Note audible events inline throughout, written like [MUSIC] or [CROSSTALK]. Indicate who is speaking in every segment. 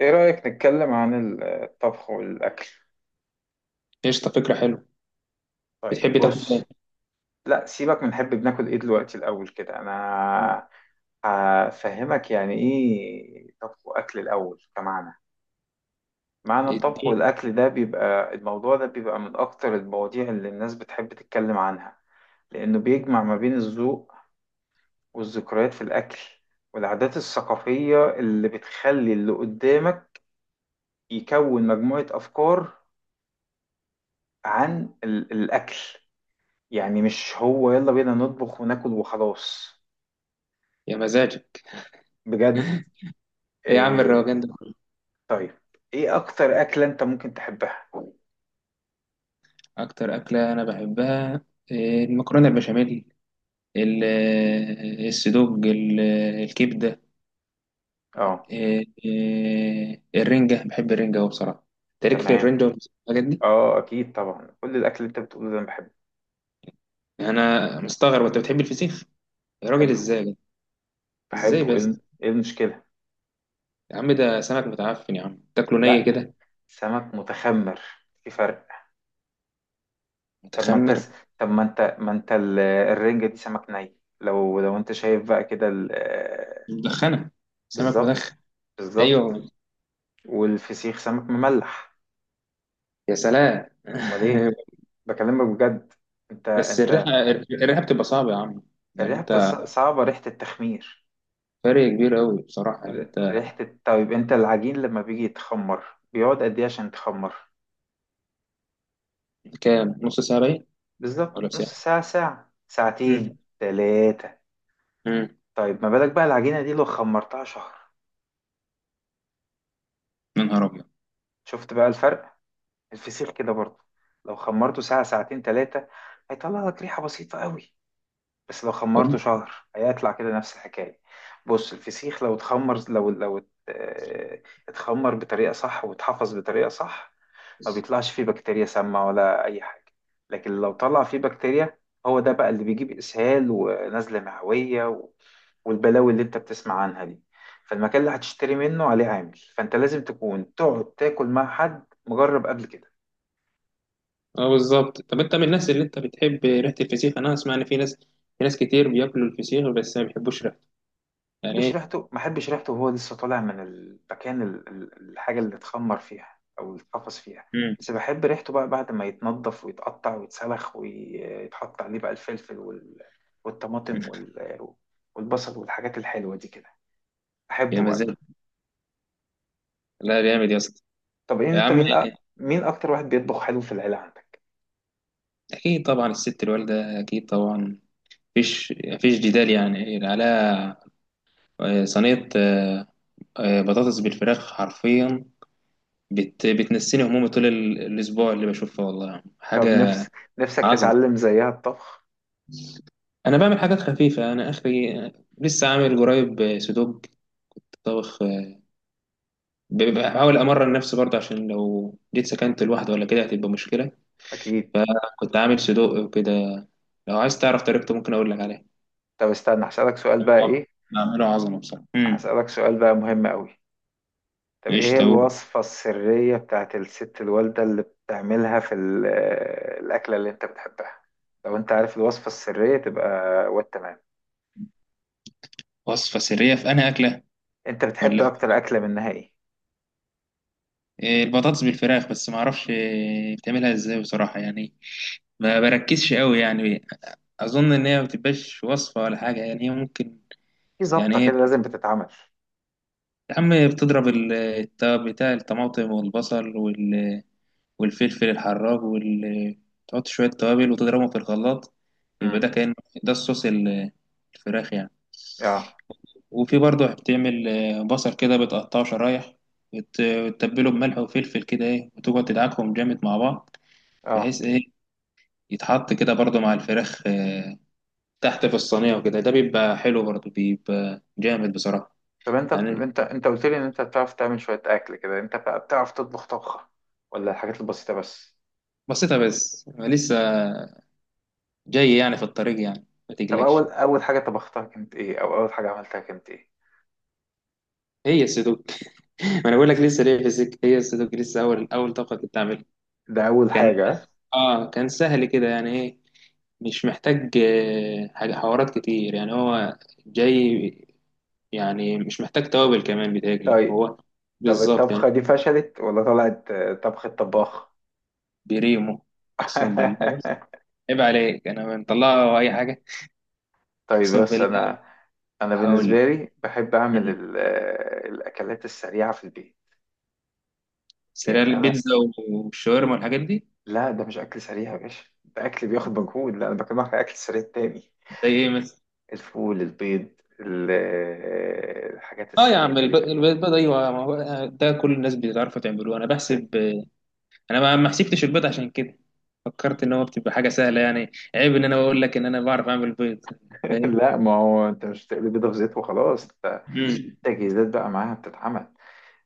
Speaker 1: ايه رأيك نتكلم عن الطبخ والأكل؟
Speaker 2: قشطة، فكرة حلوة.
Speaker 1: طيب،
Speaker 2: بتحبي تاكل
Speaker 1: بص.
Speaker 2: ايه؟
Speaker 1: لا، سيبك من نحب بناكل ايه دلوقتي، الأول كده
Speaker 2: مم.
Speaker 1: انا هفهمك يعني ايه طبخ وأكل الأول كمعنى. معنى الطبخ
Speaker 2: اديه.
Speaker 1: والأكل ده بيبقى، الموضوع ده بيبقى من أكتر المواضيع اللي الناس بتحب تتكلم عنها، لأنه بيجمع ما بين الذوق والذكريات في الأكل والعادات الثقافية اللي بتخلي اللي قدامك يكون مجموعة أفكار عن الأكل. يعني مش هو يلا بينا نطبخ وناكل وخلاص.
Speaker 2: يا مزاجك.
Speaker 1: بجد.
Speaker 2: ايه يا عم الروجان
Speaker 1: إيه.
Speaker 2: ده كله؟
Speaker 1: طيب، ايه اكتر اكلة انت ممكن تحبها؟
Speaker 2: اكتر أكلة انا بحبها المكرونة البشاميل. ال- السدوج الكبدة.
Speaker 1: اه،
Speaker 2: إيه، إيه، الرنجة، بحب الرنجة أوي بصراحة. تاريخ في
Speaker 1: تمام.
Speaker 2: الرنجة والحاجات دي.
Speaker 1: اه اكيد طبعا كل الاكل اللي انت بتقوله ده انا بحبه.
Speaker 2: انا مستغرب انت بتحب الفسيخ. يا راجل
Speaker 1: بحبه،
Speaker 2: ازاي؟ ازاي
Speaker 1: بحبه، ايه
Speaker 2: بس؟
Speaker 1: إيه المشكلة؟
Speaker 2: يا عم ده سمك متعفن، يا عم تاكله ني
Speaker 1: لا،
Speaker 2: كده.
Speaker 1: سمك متخمر، في فرق. طب ما انت
Speaker 2: متخمر.
Speaker 1: س... طب ما انت الرنجة دي سمك ني، لو انت شايف بقى كده
Speaker 2: مدخنة. سمك
Speaker 1: بالظبط،
Speaker 2: مدخن.
Speaker 1: بالظبط.
Speaker 2: ايوه.
Speaker 1: والفسيخ سمك مملح.
Speaker 2: يا سلام.
Speaker 1: امال ايه.
Speaker 2: [LAUGHS]
Speaker 1: بكلمك بجد. انت،
Speaker 2: بس
Speaker 1: انت
Speaker 2: الرحله بتبقى صعبه يا عم. يعني انت.
Speaker 1: صعبة، ريحة التخمير.
Speaker 2: فرق كبير قوي بصراحه، يعني انت.
Speaker 1: طيب، انت العجين لما بيجي يتخمر بيقعد قد ايه عشان يتخمر؟
Speaker 2: كام؟ نص ساعه باين،
Speaker 1: بالظبط
Speaker 2: ولا ساعه.
Speaker 1: نص ساعة، ساعة،
Speaker 2: امم.
Speaker 1: ساعتين، تلاتة.
Speaker 2: امم.
Speaker 1: طيب ما بالك بقى العجينة دي لو خمرتها شهر؟
Speaker 2: يا نهار ابيض.
Speaker 1: شفت بقى الفرق؟ الفسيخ كده برضه، لو خمرته ساعة، ساعتين، تلاتة هيطلع لك ريحة بسيطة قوي. بس لو خمرته
Speaker 2: طيب.
Speaker 1: شهر هيطلع كده نفس الحكاية. بص، الفسيخ لو اتخمر، لو لو ات- اه، اتخمر بطريقة صح واتحفظ بطريقة صح ما بيطلعش فيه بكتيريا سامة ولا أي حاجة. لكن لو طلع فيه بكتيريا، هو ده بقى اللي بيجيب إسهال ونزلة معوية والبلاوي اللي أنت بتسمع عنها دي. فالمكان اللي هتشتري منه عليه عامل، فأنت لازم تكون تقعد تاكل مع حد مجرب قبل كده.
Speaker 2: اه بالظبط. طب انت من الناس اللي انت بتحب ريحه الفسيخ. انا اسمع ان في ناس، في ناس كتير بياكلوا الفسيخ بس ما بيحبوش ريحته. يعني
Speaker 1: بحبش
Speaker 2: ايه؟
Speaker 1: ريحته، ما بحبش ريحته وهو لسه طالع من المكان الحاجة اللي اتخمر فيها أو اللي اتقفص فيها.
Speaker 2: امم.
Speaker 1: بس بحب ريحته بقى بعد ما يتنضف ويتقطع ويتسلخ ويتحط عليه بقى الفلفل والطماطم والبصل والحاجات الحلوة دي كده.
Speaker 2: يا
Speaker 1: أحبه
Speaker 2: مزاج.
Speaker 1: بقى.
Speaker 2: لا جامد يا اسطى.
Speaker 1: طب إيه،
Speaker 2: يا
Speaker 1: أنت
Speaker 2: عم،
Speaker 1: مين أكتر واحد بيطبخ حلو في العيلة عندك؟
Speaker 2: اكيد طبعا الست الوالده، اكيد طبعا. مفيش جدال يعني، على صينيه بطاطس بالفراخ حرفيا. بتنسيني همومي طول الاسبوع، اللي بشوفها والله
Speaker 1: طب،
Speaker 2: حاجه
Speaker 1: نفسك
Speaker 2: عظمه.
Speaker 1: تتعلم زيها الطبخ؟
Speaker 2: انا بعمل حاجات خفيفه، انا اخري. لسه عامل قريب سودوك طبخ. بحاول امرن نفسي برضه، عشان لو جيت سكنت لوحدي ولا كده هتبقى مشكله.
Speaker 1: أكيد.
Speaker 2: فكنت عامل سودوك وكده. لو عايز تعرف طريقته ممكن اقول لك عليها.
Speaker 1: طب استنى، هسألك سؤال بقى،
Speaker 2: بعم-
Speaker 1: إيه؟
Speaker 2: بعمله عظمه بصراحه.
Speaker 1: هسألك سؤال بقى مهم أوي. طب ايه
Speaker 2: ايش
Speaker 1: هي
Speaker 2: طب.
Speaker 1: الوصفة السرية بتاعت الست الوالدة اللي بتعملها في الأكلة اللي انت بتحبها؟ لو انت عارف الوصفة السرية تبقى والتمام.
Speaker 2: وصفه سريه في انا اكله؟
Speaker 1: انت بتحب
Speaker 2: ولا في؟
Speaker 1: اكتر أكلة منها ايه؟
Speaker 2: البطاطس بالفراخ، بس ما اعرفش بتعملها ازاي بصراحه يعني. ما بركزش قوي يعني. اظن ان هي ما بتبقاش وصفه ولا حاجه، يعني هي ممكن.
Speaker 1: في
Speaker 2: يعني
Speaker 1: ظبطة
Speaker 2: هي،
Speaker 1: كده لازم بتتعمل.
Speaker 2: يا عم، بتضرب بتاع الطماطم والبصل والفلفل الحراج وال، تحط شويه توابل وتضربهم في الخلاط. يبقى ده
Speaker 1: امم.
Speaker 2: كان، ده الصوص الفراخ يعني.
Speaker 1: اه.
Speaker 2: وفي برضه بتعمل بصل كده بتقطعه شرايح وتتبله بملح وفلفل كده، ايه، وتقعد تدعكهم جامد مع بعض.
Speaker 1: اه.
Speaker 2: بحيث ايه يتحط كده برضه مع الفراخ تحت في الصينية، وكده ده بيبقى حلو برضه، بيبقى جامد بصراحة.
Speaker 1: طب انت
Speaker 2: يعني
Speaker 1: انت انت قلت لي ان انت بتعرف تعمل شوية اكل كده، انت بقى بتعرف تطبخ طبخة ولا الحاجات البسيطة بس؟
Speaker 2: بسيطة بس لسه جاي يعني في الطريق يعني. ما
Speaker 1: طب، اول
Speaker 2: تقلقش.
Speaker 1: اول حاجة طبختها كانت ايه، او اول حاجة عملتها كانت ايه؟
Speaker 2: هي السدوك. [LAUGHS] ما انا بقول لك لسه ليه في السك. هي السدوك لسه اول اول طبقة كنت اعملها.
Speaker 1: ده اول
Speaker 2: كان،
Speaker 1: حاجة.
Speaker 2: اه كان سهل كده يعني. ايه، مش محتاج حاجة حوارات كتير، يعني هو جاي. يعني مش محتاج توابل كمان، بيتهيألي
Speaker 1: طيب.
Speaker 2: هو
Speaker 1: طب
Speaker 2: بالظبط يعني.
Speaker 1: الطبخة دي فشلت ولا طلعت طبخة طباخ؟
Speaker 2: بريمو. اقسم بالله، بص،
Speaker 1: [LAUGHS]
Speaker 2: عيب عليك، انا مطلعه اي حاجة.
Speaker 1: طيب،
Speaker 2: اقسم
Speaker 1: بس
Speaker 2: بالله.
Speaker 1: أنا، أنا
Speaker 2: هقول
Speaker 1: بالنسبة لي بحب أعمل الأكلات السريعة في البيت.
Speaker 2: سريع
Speaker 1: يعني أنا.
Speaker 2: البيتزا والشاورما والحاجات دي.
Speaker 1: لا، ده مش أكل سريع يا باشا، ده أكل بياخد مجهود. لا، أنا بكلمك على أكل سريع تاني:
Speaker 2: زي ايه مثلا؟
Speaker 1: الفول، البيض، الحاجات
Speaker 2: اه يا
Speaker 1: السريعة
Speaker 2: عم
Speaker 1: دي كده.
Speaker 2: البيض، ايوه، ما هو ده كل الناس بتعرفوا تعملوه. انا
Speaker 1: بس-
Speaker 2: بحسب انا ما حسبتش البيض عشان كده. فكرت ان هو بتبقى حاجه سهله يعني، عيب ان انا بقول لك ان انا بعرف اعمل بيض.
Speaker 1: [LAUGHS]
Speaker 2: فاهم.
Speaker 1: لا، ما هو أنت مش بتقلي بيضة في زيت وخلاص. ده
Speaker 2: امم.
Speaker 1: في تجهيزات بقى معاها بتتعمل.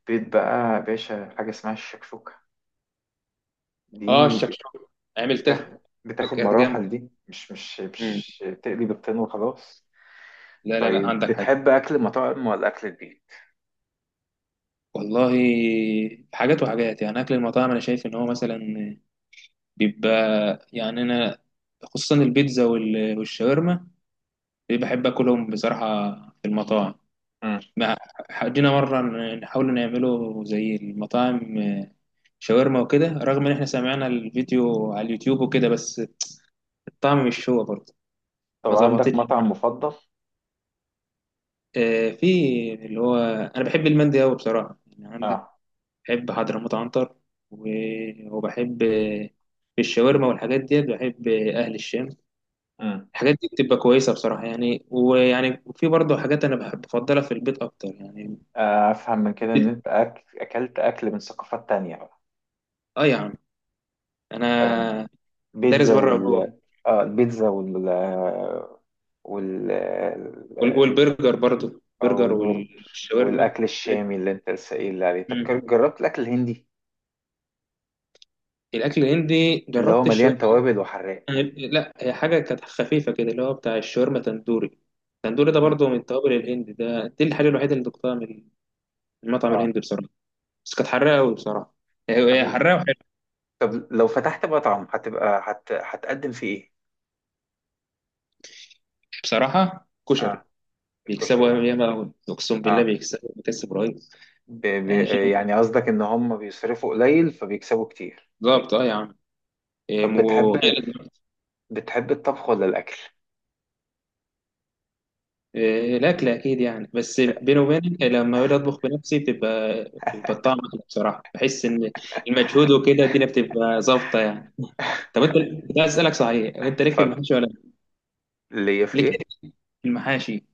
Speaker 1: بيض بقى يا باشا، حاجة اسمها الشكشوكة
Speaker 2: اه
Speaker 1: دي
Speaker 2: الشكشوكه، عملتها،
Speaker 1: بتاخد بتاخد
Speaker 2: كانت جامده.
Speaker 1: مراحل. دي مش مش
Speaker 2: امم.
Speaker 1: مش تقلي بيضتين وخلاص.
Speaker 2: لا لا لا،
Speaker 1: طيب،
Speaker 2: عندك حاجه.
Speaker 1: بتحب أكل المطاعم ولا أكل البيت؟
Speaker 2: والله، حاجات وحاجات يعني. اكل المطاعم انا شايف ان هو مثلا بيبقى، يعني انا خصوصا البيتزا والشاورما، بحب اكلهم بصراحه في المطاعم.
Speaker 1: مم.
Speaker 2: ما حدينا مره نحاول نعمله زي المطاعم، شاورما وكده، رغم ان احنا سمعنا الفيديو على اليوتيوب وكده، بس الطعم مش هو برضه.
Speaker 1: طب
Speaker 2: ما
Speaker 1: عندك
Speaker 2: ظبطتش.
Speaker 1: مطعم مفضل؟
Speaker 2: في اللي هو، انا بحب المندي قوي بصراحه يعني. عندك
Speaker 1: اه.
Speaker 2: بحب حضرموت عنتر، وبحب في الشاورما والحاجات ديت، بحب اهل الشام.
Speaker 1: مم.
Speaker 2: الحاجات دي بتبقى كويسه بصراحه يعني. ويعني في برضه حاجات انا بحب بفضلها في البيت اكتر يعني.
Speaker 1: أفهم من كده إن أنت أكلت أكل من ثقافات تانية بقى؟
Speaker 2: اه يا عم، انا
Speaker 1: يعني
Speaker 2: دارس
Speaker 1: بيتزا
Speaker 2: بره وجوه.
Speaker 1: وال، اه البيتزا وال، وال،
Speaker 2: والبرجر برضو، برجر
Speaker 1: والبرجر
Speaker 2: والشاورما.
Speaker 1: والأكل الشامي اللي أنت لسه قايل لي عليه. طب
Speaker 2: مم.
Speaker 1: جربت الأكل الهندي
Speaker 2: الاكل الهندي
Speaker 1: اللي هو
Speaker 2: جربت
Speaker 1: مليان
Speaker 2: الشاورما.
Speaker 1: توابل وحراق؟
Speaker 2: لا هي حاجه كانت خفيفه كده، اللي هو بتاع الشاورما تندوري. التندوري ده
Speaker 1: مم.
Speaker 2: برضو من التوابل الهندي ده. دي الحاجه الوحيده اللي دقتها من المطعم
Speaker 1: اه.
Speaker 2: الهندي بصراحه. بس كانت حراقه قوي بصراحه. هي
Speaker 1: طب
Speaker 2: حراقه وحلوه.
Speaker 1: طب لو فتحت مطعم هتبقى، هتقدم فيه ايه؟
Speaker 2: بصراحه كشري.
Speaker 1: اه، الكشري
Speaker 2: بيكسبوا
Speaker 1: يعني.
Speaker 2: ياما قوي، اقسم بالله
Speaker 1: اه.
Speaker 2: بيكسبوا، بيكسب رهيب.
Speaker 1: ب... ب...
Speaker 2: يعني شيء-
Speaker 1: يعني قصدك ان هم بيصرفوا قليل فبيكسبوا كتير.
Speaker 2: بالظبط اه يا عم.
Speaker 1: طب بتحب
Speaker 2: وغير.
Speaker 1: بتحب الطبخ ولا الاكل؟
Speaker 2: الأكل أكيد يعني، بس بيني وبينك لما باجي أطبخ بنفسي بتبقى، بيبقى الطعم أحلى بصراحة. بحس إن المجهود وكده الدنيا بتبقى ظابطة يعني. [LAUGHS] طب أنت، كنت عايز أسألك صحيح، أنت ليك في
Speaker 1: اتفضل.
Speaker 2: المحاشي ولا لأ؟
Speaker 1: اللي هي في
Speaker 2: ليك
Speaker 1: ايه؟
Speaker 2: إيه في المحاشي؟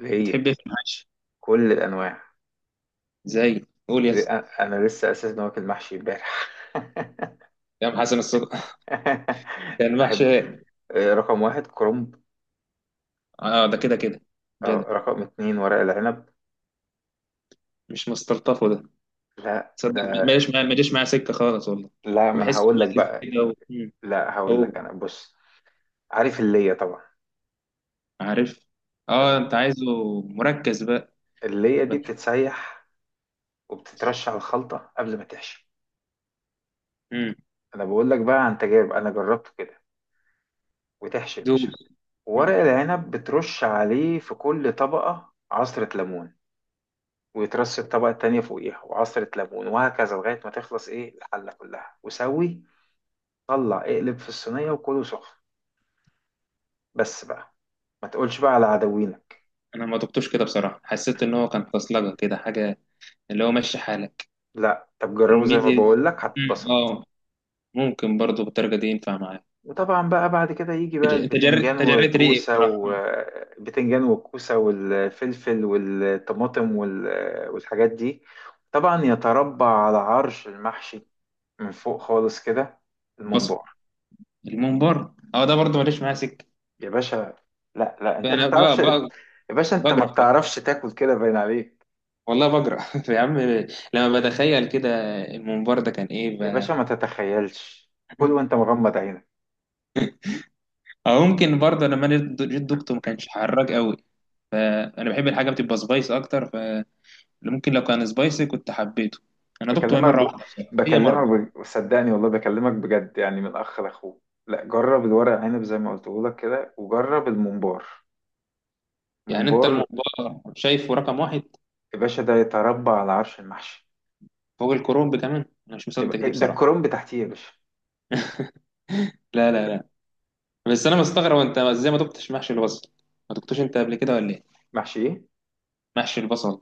Speaker 1: اللي هي
Speaker 2: بتحب إيه في المحاشي؟
Speaker 1: كل الانواع.
Speaker 2: زي قول يا
Speaker 1: ل-
Speaker 2: اسطى.
Speaker 1: انا لسه اساسا واكل محشي امبارح.
Speaker 2: يا عم حسن الصدق. [LAUGHS]
Speaker 1: [LAUGHS]
Speaker 2: ده
Speaker 1: بحب
Speaker 2: المحشي.
Speaker 1: رقم واحد كرنب،
Speaker 2: أه ده كده كده. جدع.
Speaker 1: رقم اتنين ورق العنب.
Speaker 2: مش مستلطفه ده،
Speaker 1: لا
Speaker 2: تصدق.
Speaker 1: ده،
Speaker 2: ما جاش معايا سكة خالص والله.
Speaker 1: لا ما انا
Speaker 2: بحس
Speaker 1: هقول لك
Speaker 2: ميزز
Speaker 1: بقى،
Speaker 2: كده. مم.
Speaker 1: لا هقول لك،
Speaker 2: أوه.
Speaker 1: انا بص. عارف اللي هي طبعا.
Speaker 2: عارف. أه
Speaker 1: تمام.
Speaker 2: أنت عايزه مركز بقى
Speaker 1: اللية دي بتتسيح وبتترش على الخلطة قبل ما تحشي.
Speaker 2: بقى.
Speaker 1: أنا بقول لك بقى عن تجارب، أنا جربته كده. وتحشي يا باشا
Speaker 2: دوس. مم.
Speaker 1: ورق العنب، بترش عليه في كل طبقة عصرة ليمون، ويترش الطبقة التانية فوقيها وعصرة ليمون، وهكذا لغاية ما تخلص إيه الحلة كلها وسوي طلع اقلب في الصينية وكله سخن. بس بقى، ما تقولش بقى على عدوينك.
Speaker 2: انا ما دقتوش كده بصراحه، حسيت ان هو كان فصلجه كده حاجه، اللي هو ماشي حالك
Speaker 1: لا، طب جربه زي ما
Speaker 2: الميدي.
Speaker 1: بقول لك
Speaker 2: مم.
Speaker 1: هتتبسط.
Speaker 2: اه. ممكن برضو بالدرجه دي ينفع معايا.
Speaker 1: وطبعا بقى بعد كده يجي بقى البتنجان
Speaker 2: تجريت ريقي
Speaker 1: والكوسة
Speaker 2: بصراحه. مم.
Speaker 1: والبتنجان والكوسة والفلفل والطماطم والحاجات دي. طبعا يتربع على عرش المحشي من فوق خالص كده،
Speaker 2: بصل.
Speaker 1: الممبار.
Speaker 2: الممبار، اه ده برضو ماليش معاه سكه.
Speaker 1: يا باشا، لا، لا، انت ما
Speaker 2: انا
Speaker 1: بتعرفش يا
Speaker 2: ب...
Speaker 1: باشا، انت ما
Speaker 2: بجرى،
Speaker 1: بتعرفش تاكل كده باين عليك.
Speaker 2: والله بجرى. [LAUGHS] يا عم، لما بتخيل كده الممبار ده كان ايه.
Speaker 1: يا باشا ما تتخيلش، كل وانت
Speaker 2: [LAUGHS]
Speaker 1: مغمض عينك.
Speaker 2: او ممكن برضه لما انا جيت دقته ما كانش حراج قوي، فانا بحب الحاجه بتبقى سبايس اكتر. اللي ممكن لو كان سبايسي كنت حبيته. انا دقته هي
Speaker 1: بكلمك
Speaker 2: مره
Speaker 1: ب...
Speaker 2: واحده بصراحه، هي مره.
Speaker 1: صدقني، والله بكلمك بجد يعني، من اخ لاخوه. لا جرب الورق عنب زي ما قلت لك كده، وجرب الممبار.
Speaker 2: يعني انت
Speaker 1: ممبار
Speaker 2: الموضوع شايفه رقم واحد
Speaker 1: يا باشا، ده يتربى على عرش المحشي.
Speaker 2: فوق الكرومب كمان، انا مش
Speaker 1: يبقى
Speaker 2: مصدق دي
Speaker 1: ده
Speaker 2: بصراحه.
Speaker 1: الكرنب تحتيه يا باشا.
Speaker 2: لا لا لا. بس انا مستغرب انت ازاي ما دقتش محشي البصل. ما دقتوش انت قبل كده ولا ايه؟
Speaker 1: محشي ايه؟
Speaker 2: محشي البصل.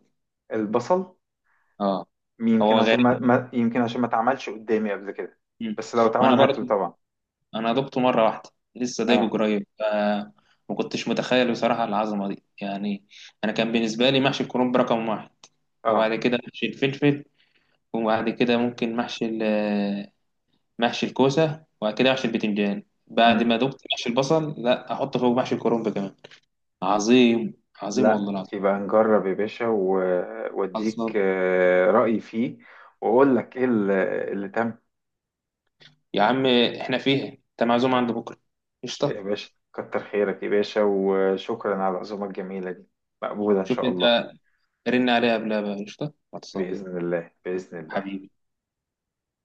Speaker 1: البصل.
Speaker 2: اه.
Speaker 1: يمكن
Speaker 2: هو
Speaker 1: عشان
Speaker 2: غريب.
Speaker 1: ما, ما... يمكن عشان ما اتعملش قدامي قبل كده.
Speaker 2: مم.
Speaker 1: بس لو
Speaker 2: ما انا
Speaker 1: اتعمل
Speaker 2: برضه،
Speaker 1: هاكله طبعا.
Speaker 2: انا دقته مره واحده لسه دايقه
Speaker 1: اه.
Speaker 2: قريب ما كنتش متخيل بصراحه العظمه دي يعني. انا كان بالنسبه لي محشي الكرنب رقم واحد، وبعد
Speaker 1: اه.
Speaker 2: كده محشي الفلفل، وبعد كده ممكن محشي، محشي الكوسة، وبعد كده محشي البتنجان. بعد
Speaker 1: مم.
Speaker 2: ما دقت محشي البصل، لا أحط فوق محشي الكرنب كمان. عظيم. عظيم
Speaker 1: لا
Speaker 2: والله العظيم.
Speaker 1: يبقى نجرب يا باشا واديك
Speaker 2: خلصان.
Speaker 1: رأيي فيه. واقول لك ايه اللي، اللي تم.
Speaker 2: يا عم إحنا فيها، أنت معزوم عند بكرة.
Speaker 1: يا
Speaker 2: قشطة.
Speaker 1: باشا كتر خيرك يا باشا، وشكرا على العزومة الجميلة دي، مقبولة إن
Speaker 2: شوف
Speaker 1: شاء
Speaker 2: أنت،
Speaker 1: الله.
Speaker 2: رن عليها قبلها بقى. قشطة خلصان.
Speaker 1: بإذن الله، بإذن الله.
Speaker 2: حبيبي.